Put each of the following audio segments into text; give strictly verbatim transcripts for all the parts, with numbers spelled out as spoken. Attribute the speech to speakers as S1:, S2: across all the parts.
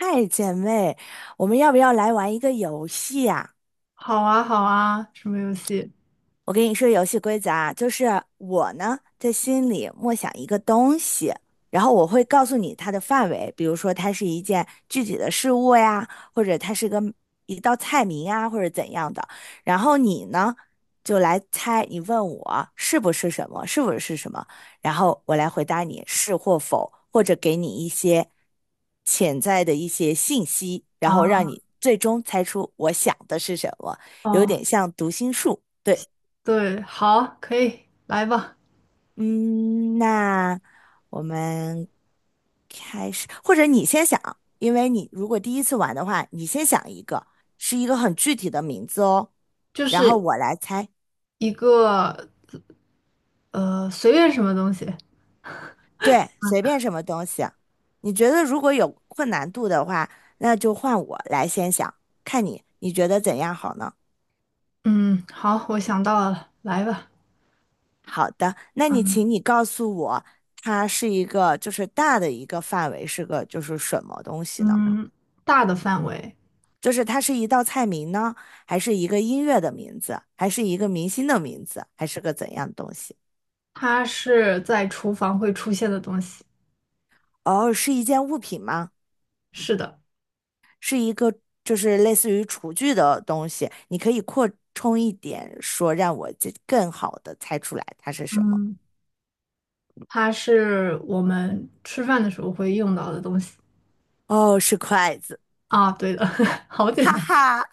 S1: 嗨，姐妹，我们要不要来玩一个游戏啊？
S2: 好啊，好啊，什么游戏
S1: 我跟你说游戏规则啊，就是我呢在心里默想一个东西，然后我会告诉你它的范围，比如说它是一件具体的事物呀，或者它是个一道菜名啊，或者怎样的。然后你呢就来猜，你问我是不是什么，是不是什么，然后我来回答你是或否，或者给你一些潜在的一些信息，然后让
S2: 啊？
S1: 你最终猜出我想的是什么，有
S2: 哦，
S1: 点像读心术。对。
S2: 对，好，可以，来吧，
S1: 嗯，那我们开始，或者你先想，因为你如果第一次玩的话，你先想一个，是一个很具体的名字哦，
S2: 就
S1: 然后
S2: 是
S1: 我来猜，
S2: 一个呃，随便什么东西。
S1: 对，随便什么东西。你觉得如果有困难度的话，那就换我来先想，看你你觉得怎样好呢？
S2: 嗯，好，我想到了，来吧。
S1: 好的，那你请你告诉我，它是一个就是大的一个范围是个就是什么东西呢？
S2: 嗯，大的范围，
S1: 就是它是一道菜名呢，还是一个音乐的名字，还是一个明星的名字，还是个怎样的东西？
S2: 它是在厨房会出现的东西。
S1: 哦，是一件物品吗？
S2: 是的，
S1: 是一个就是类似于厨具的东西，你可以扩充一点说，让我这更好的猜出来它是什么。
S2: 嗯，它是我们吃饭的时候会用到的东西。
S1: 哦，是筷子，
S2: 啊，对的，好简
S1: 哈
S2: 单。
S1: 哈，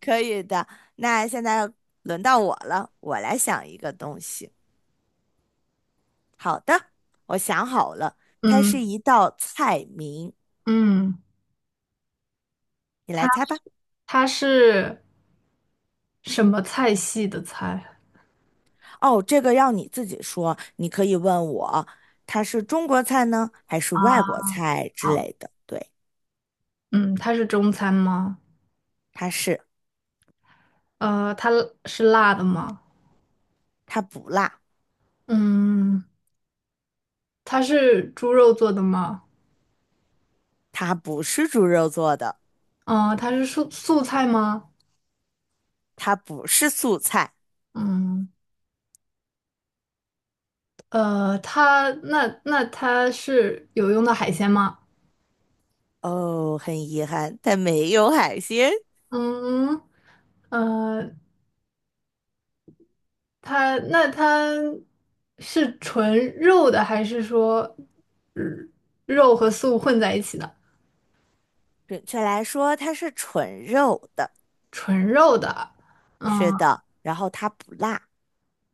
S1: 可以的。那现在轮到我了，我来想一个东西。好的，我想好了，它是
S2: 嗯
S1: 一道菜名，
S2: 嗯，
S1: 你
S2: 它
S1: 来猜吧。
S2: 它是什么菜系的菜？
S1: 哦，这个要你自己说，你可以问我，它是中国菜呢，还是外国
S2: 啊？
S1: 菜之
S2: 好，
S1: 类的？对，
S2: 嗯，它是中餐吗？
S1: 它是，
S2: 呃，它是辣的吗？
S1: 它不辣，
S2: 嗯，它是猪肉做的吗？
S1: 它不是猪肉做的，
S2: 嗯，呃它是素素菜吗？
S1: 它不是素菜。
S2: 嗯，呃，它那那它是有用的海鲜吗？
S1: 哦，很遗憾，它没有海鲜。
S2: 嗯，呃，它那它是纯肉的，还是说呃肉和素混在一起的？
S1: 准确来说，它是纯肉的。
S2: 纯肉的，嗯，
S1: 是的，然后它不辣。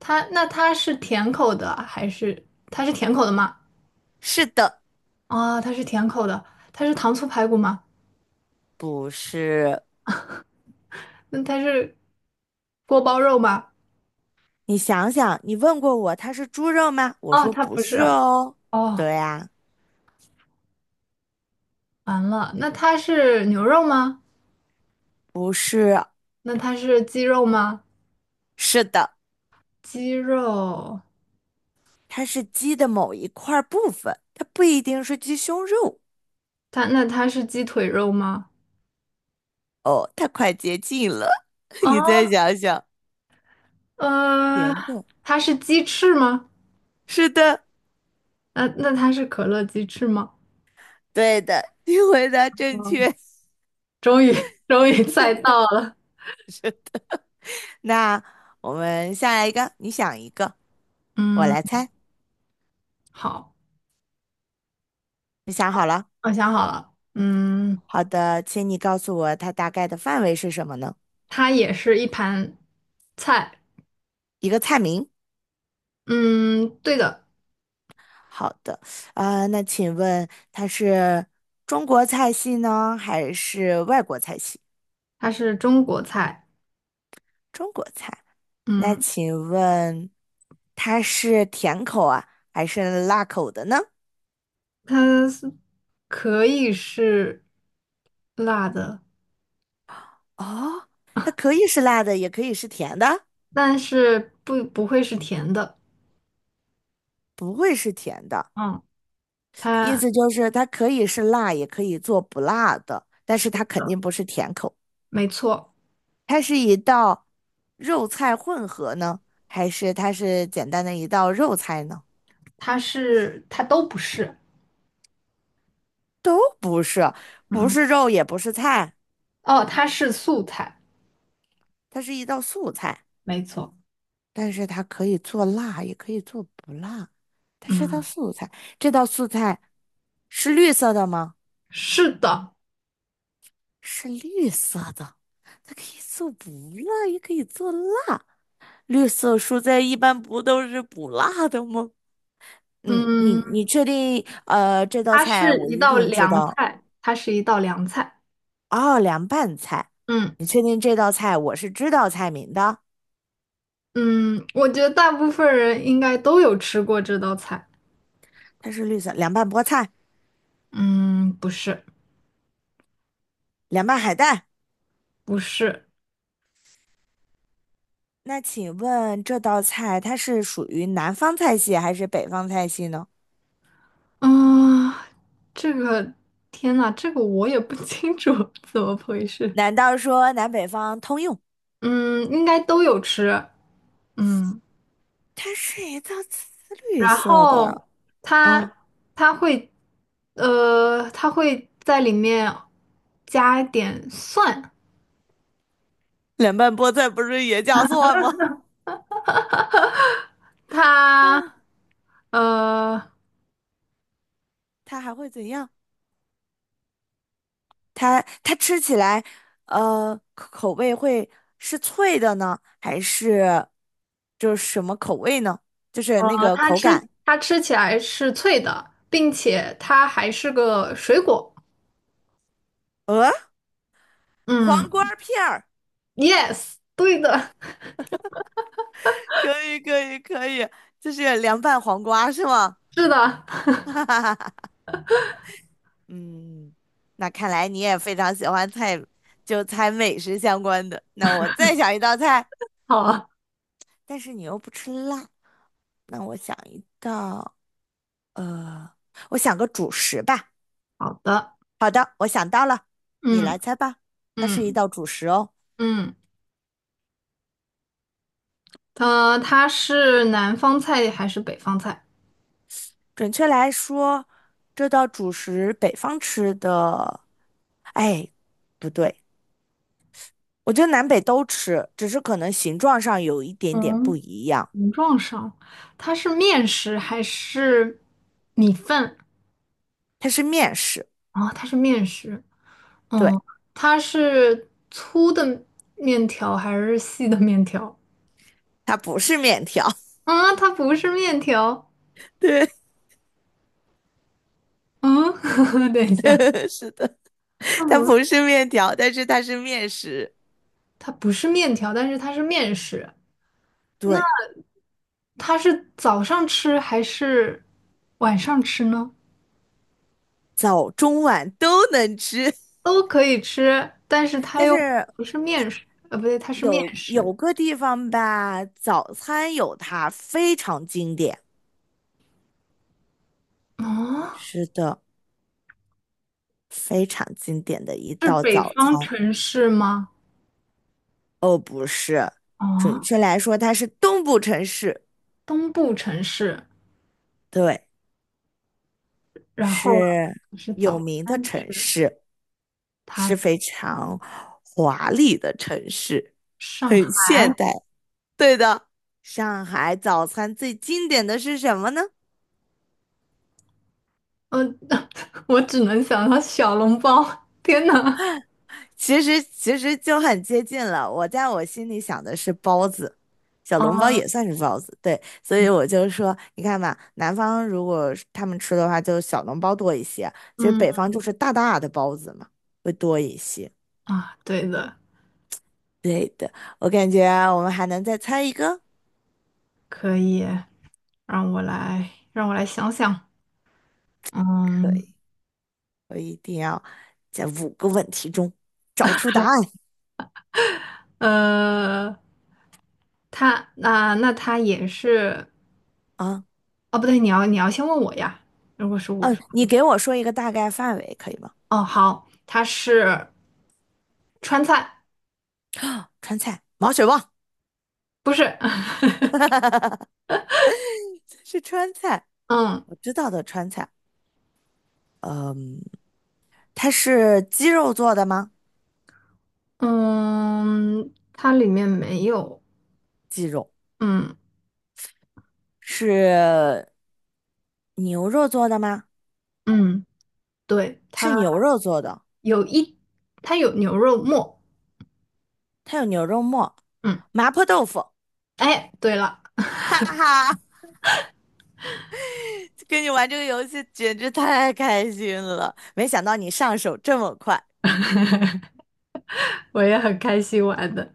S2: 它那它是甜口的，还是它是甜口的吗？
S1: 是的，
S2: 啊，它是甜口的，它是糖醋排骨吗？
S1: 不是。
S2: 那它是锅包肉吗？
S1: 你想想，你问过我它是猪肉吗？我
S2: 哦，
S1: 说
S2: 它
S1: 不
S2: 不是。
S1: 是哦。
S2: 哦，
S1: 对呀，
S2: 完了，那它是牛肉吗？
S1: 不是。
S2: 那它是鸡肉吗？
S1: 是的。
S2: 鸡肉，
S1: 它是鸡的某一块部分，它不一定是鸡胸肉。
S2: 它那它是鸡腿肉吗？
S1: 哦，它快接近了，
S2: 哦，
S1: 你再想想。
S2: 呃，
S1: 甜的，
S2: 它是鸡翅吗？
S1: 是的，
S2: 那那它是可乐鸡翅吗？
S1: 对的，你回答正确。
S2: 终于 终于猜到了。
S1: 那我们下来一个，你想一个，我
S2: 嗯，
S1: 来猜。
S2: 好，
S1: 你想好了？
S2: 我想好了。嗯，
S1: 好的，请你告诉我它大概的范围是什么呢？
S2: 它也是一盘菜。
S1: 一个菜名。
S2: 嗯，对的。
S1: 好的，啊、那请问它是中国菜系呢，还是外国菜系？
S2: 它是中国菜，
S1: 中国菜。那
S2: 嗯，
S1: 请问它是甜口啊，还是辣口的呢？
S2: 它是可以是辣的，
S1: 哦，它可以是辣的，也可以是甜的，
S2: 但是不不会是甜的，
S1: 不会是甜的。
S2: 嗯，
S1: 意
S2: 它
S1: 思就是它可以是辣，也可以做不辣的，但
S2: 是
S1: 是它肯
S2: 的，
S1: 定不是甜口。
S2: 没错，
S1: 它是一道肉菜混合呢，还是它是简单的一道肉菜呢？
S2: 它是它都不是，
S1: 不是，不
S2: 嗯，
S1: 是肉，也不是菜，
S2: 哦，它是素菜，
S1: 它是一道素菜。
S2: 没错，
S1: 但是它可以做辣，也可以做不辣。它是道
S2: 嗯，
S1: 素菜，这道素菜是绿色的吗？
S2: 是的，
S1: 是绿色的，它可以做不辣，也可以做辣。绿色蔬菜一般不都是不辣的吗？嗯，你
S2: 嗯，
S1: 你确定？呃，这道
S2: 它
S1: 菜
S2: 是
S1: 我
S2: 一
S1: 一
S2: 道
S1: 定知
S2: 凉
S1: 道。
S2: 菜，它是一道凉菜，
S1: 哦，凉拌菜，
S2: 嗯
S1: 确定这道菜我是知道菜名的。
S2: 嗯，我觉得大部分人应该都有吃过这道菜，
S1: 它是绿色凉拌菠菜、
S2: 嗯，不是
S1: 凉拌海带。
S2: 不是。
S1: 那请问这道菜它是属于南方菜系还是北方菜系呢？
S2: 啊，这个天呐，这个我也不清楚 怎么回事。
S1: 难道说南北方通用？
S2: 嗯，应该都有吃。嗯，
S1: 它是一道紫绿
S2: 然
S1: 色的
S2: 后它
S1: 啊，
S2: 它会呃，它会在里面加一点蒜。
S1: 凉拌菠菜不是也叫蒜吗？
S2: 它
S1: 哦，
S2: 呃
S1: 它还会怎样？它它吃起来，呃，口口味会是脆的呢，还是就是什么口味呢？就是那
S2: 呃，
S1: 个
S2: 它
S1: 口感。
S2: 吃它吃起来是脆的，并且它还是个水果。
S1: 呃，黄
S2: 嗯
S1: 瓜片儿，
S2: ，yes，对的，
S1: 可以可以可以，就是凉拌黄瓜是吗？
S2: 是的，
S1: 嗯，那看来你也非常喜欢菜，就猜美食相关的。那我再想一道菜，
S2: 好
S1: 但是你又不吃辣，那我想一道，呃，我想个主食吧。
S2: 好的，
S1: 好的，我想到了，你
S2: 嗯。
S1: 来猜吧。它是一
S2: 嗯
S1: 道主食哦，
S2: 嗯，呃，它是南方菜还是北方菜？
S1: 准确来说，这道主食北方吃的，哎，不对，我觉得南北都吃，只是可能形状上有一点点不
S2: 嗯，
S1: 一样。
S2: 形状上，它是面食还是米饭？
S1: 它是面食，
S2: 啊、它是面食，
S1: 对，
S2: 它是粗的面条还是细的面条？
S1: 它不是面条。
S2: 啊、它不是面条。
S1: 对，
S2: 嗯，等一下，
S1: 是的，
S2: 它
S1: 它
S2: 不，
S1: 不是面条，但是它是面食。
S2: 它不是面条，但是它是面食。
S1: 对，
S2: 它是早上吃还是晚上吃呢？
S1: 早中晚都能吃，
S2: 都可以吃，但是它
S1: 但
S2: 又
S1: 是
S2: 不是面食，呃，不对，它是面
S1: 有
S2: 食。
S1: 有个地方吧，早餐有它非常经典。
S2: 哦，
S1: 是的，非常经典的一
S2: 是
S1: 道
S2: 北
S1: 早
S2: 方
S1: 餐。
S2: 城市吗？
S1: 哦，不是，准
S2: 哦，
S1: 确来说，它是东部城市，
S2: 东部城市。
S1: 对，
S2: 然后啊
S1: 是
S2: 是
S1: 有
S2: 早
S1: 名的
S2: 餐
S1: 城
S2: 吃，
S1: 市，
S2: 它
S1: 是
S2: 是
S1: 非常华丽的城市，
S2: 上
S1: 很
S2: 海。
S1: 现代。对的，上海早餐最经典的是什么呢？
S2: 嗯、我只能想到小笼包。天呐！
S1: 其实其实就很接近了。我在我心里想的是包子，小笼包
S2: 哦，
S1: 也算是包子，对。所以我就说，你看吧，南方如果是他们吃的话，就小笼包多一些；其实
S2: 嗯
S1: 北方就是大大的包子嘛，会多一些。
S2: 啊，对的，
S1: 对的，我感觉我们还能再猜一个，
S2: 可以。让我来，让我来想想。
S1: 可
S2: 嗯，
S1: 以，我一定要在五个问题中找出答案
S2: 呃，它那那它也是。
S1: 啊！
S2: 哦，不对，你要你要先问我呀。如果是我
S1: 嗯，
S2: 说，
S1: 你给我说一个大概范围可以吗？
S2: 哦，好，它是川菜，
S1: 川菜，毛血旺
S2: 不是，
S1: 是川菜，
S2: 嗯
S1: 我知道的川菜。嗯，它是鸡肉做的吗？
S2: 嗯，它里面没有，
S1: 鸡肉
S2: 嗯
S1: 是牛肉做的吗？
S2: 嗯，对，
S1: 是
S2: 它
S1: 牛肉做的，
S2: 有一，它有牛肉末，
S1: 它有牛肉末、
S2: 嗯，
S1: 麻婆豆腐。
S2: 哎，对了，
S1: 哈哈，跟你玩这个游戏简直太开心了，没想到你上手这么快。
S2: 我也很开心玩的。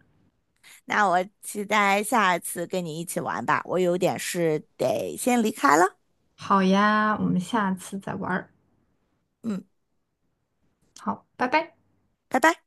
S1: 那我期待下次跟你一起玩吧，我有点事得先离开了。
S2: 好呀，我们下次再玩儿。
S1: 嗯，
S2: 好，拜拜。
S1: 拜拜。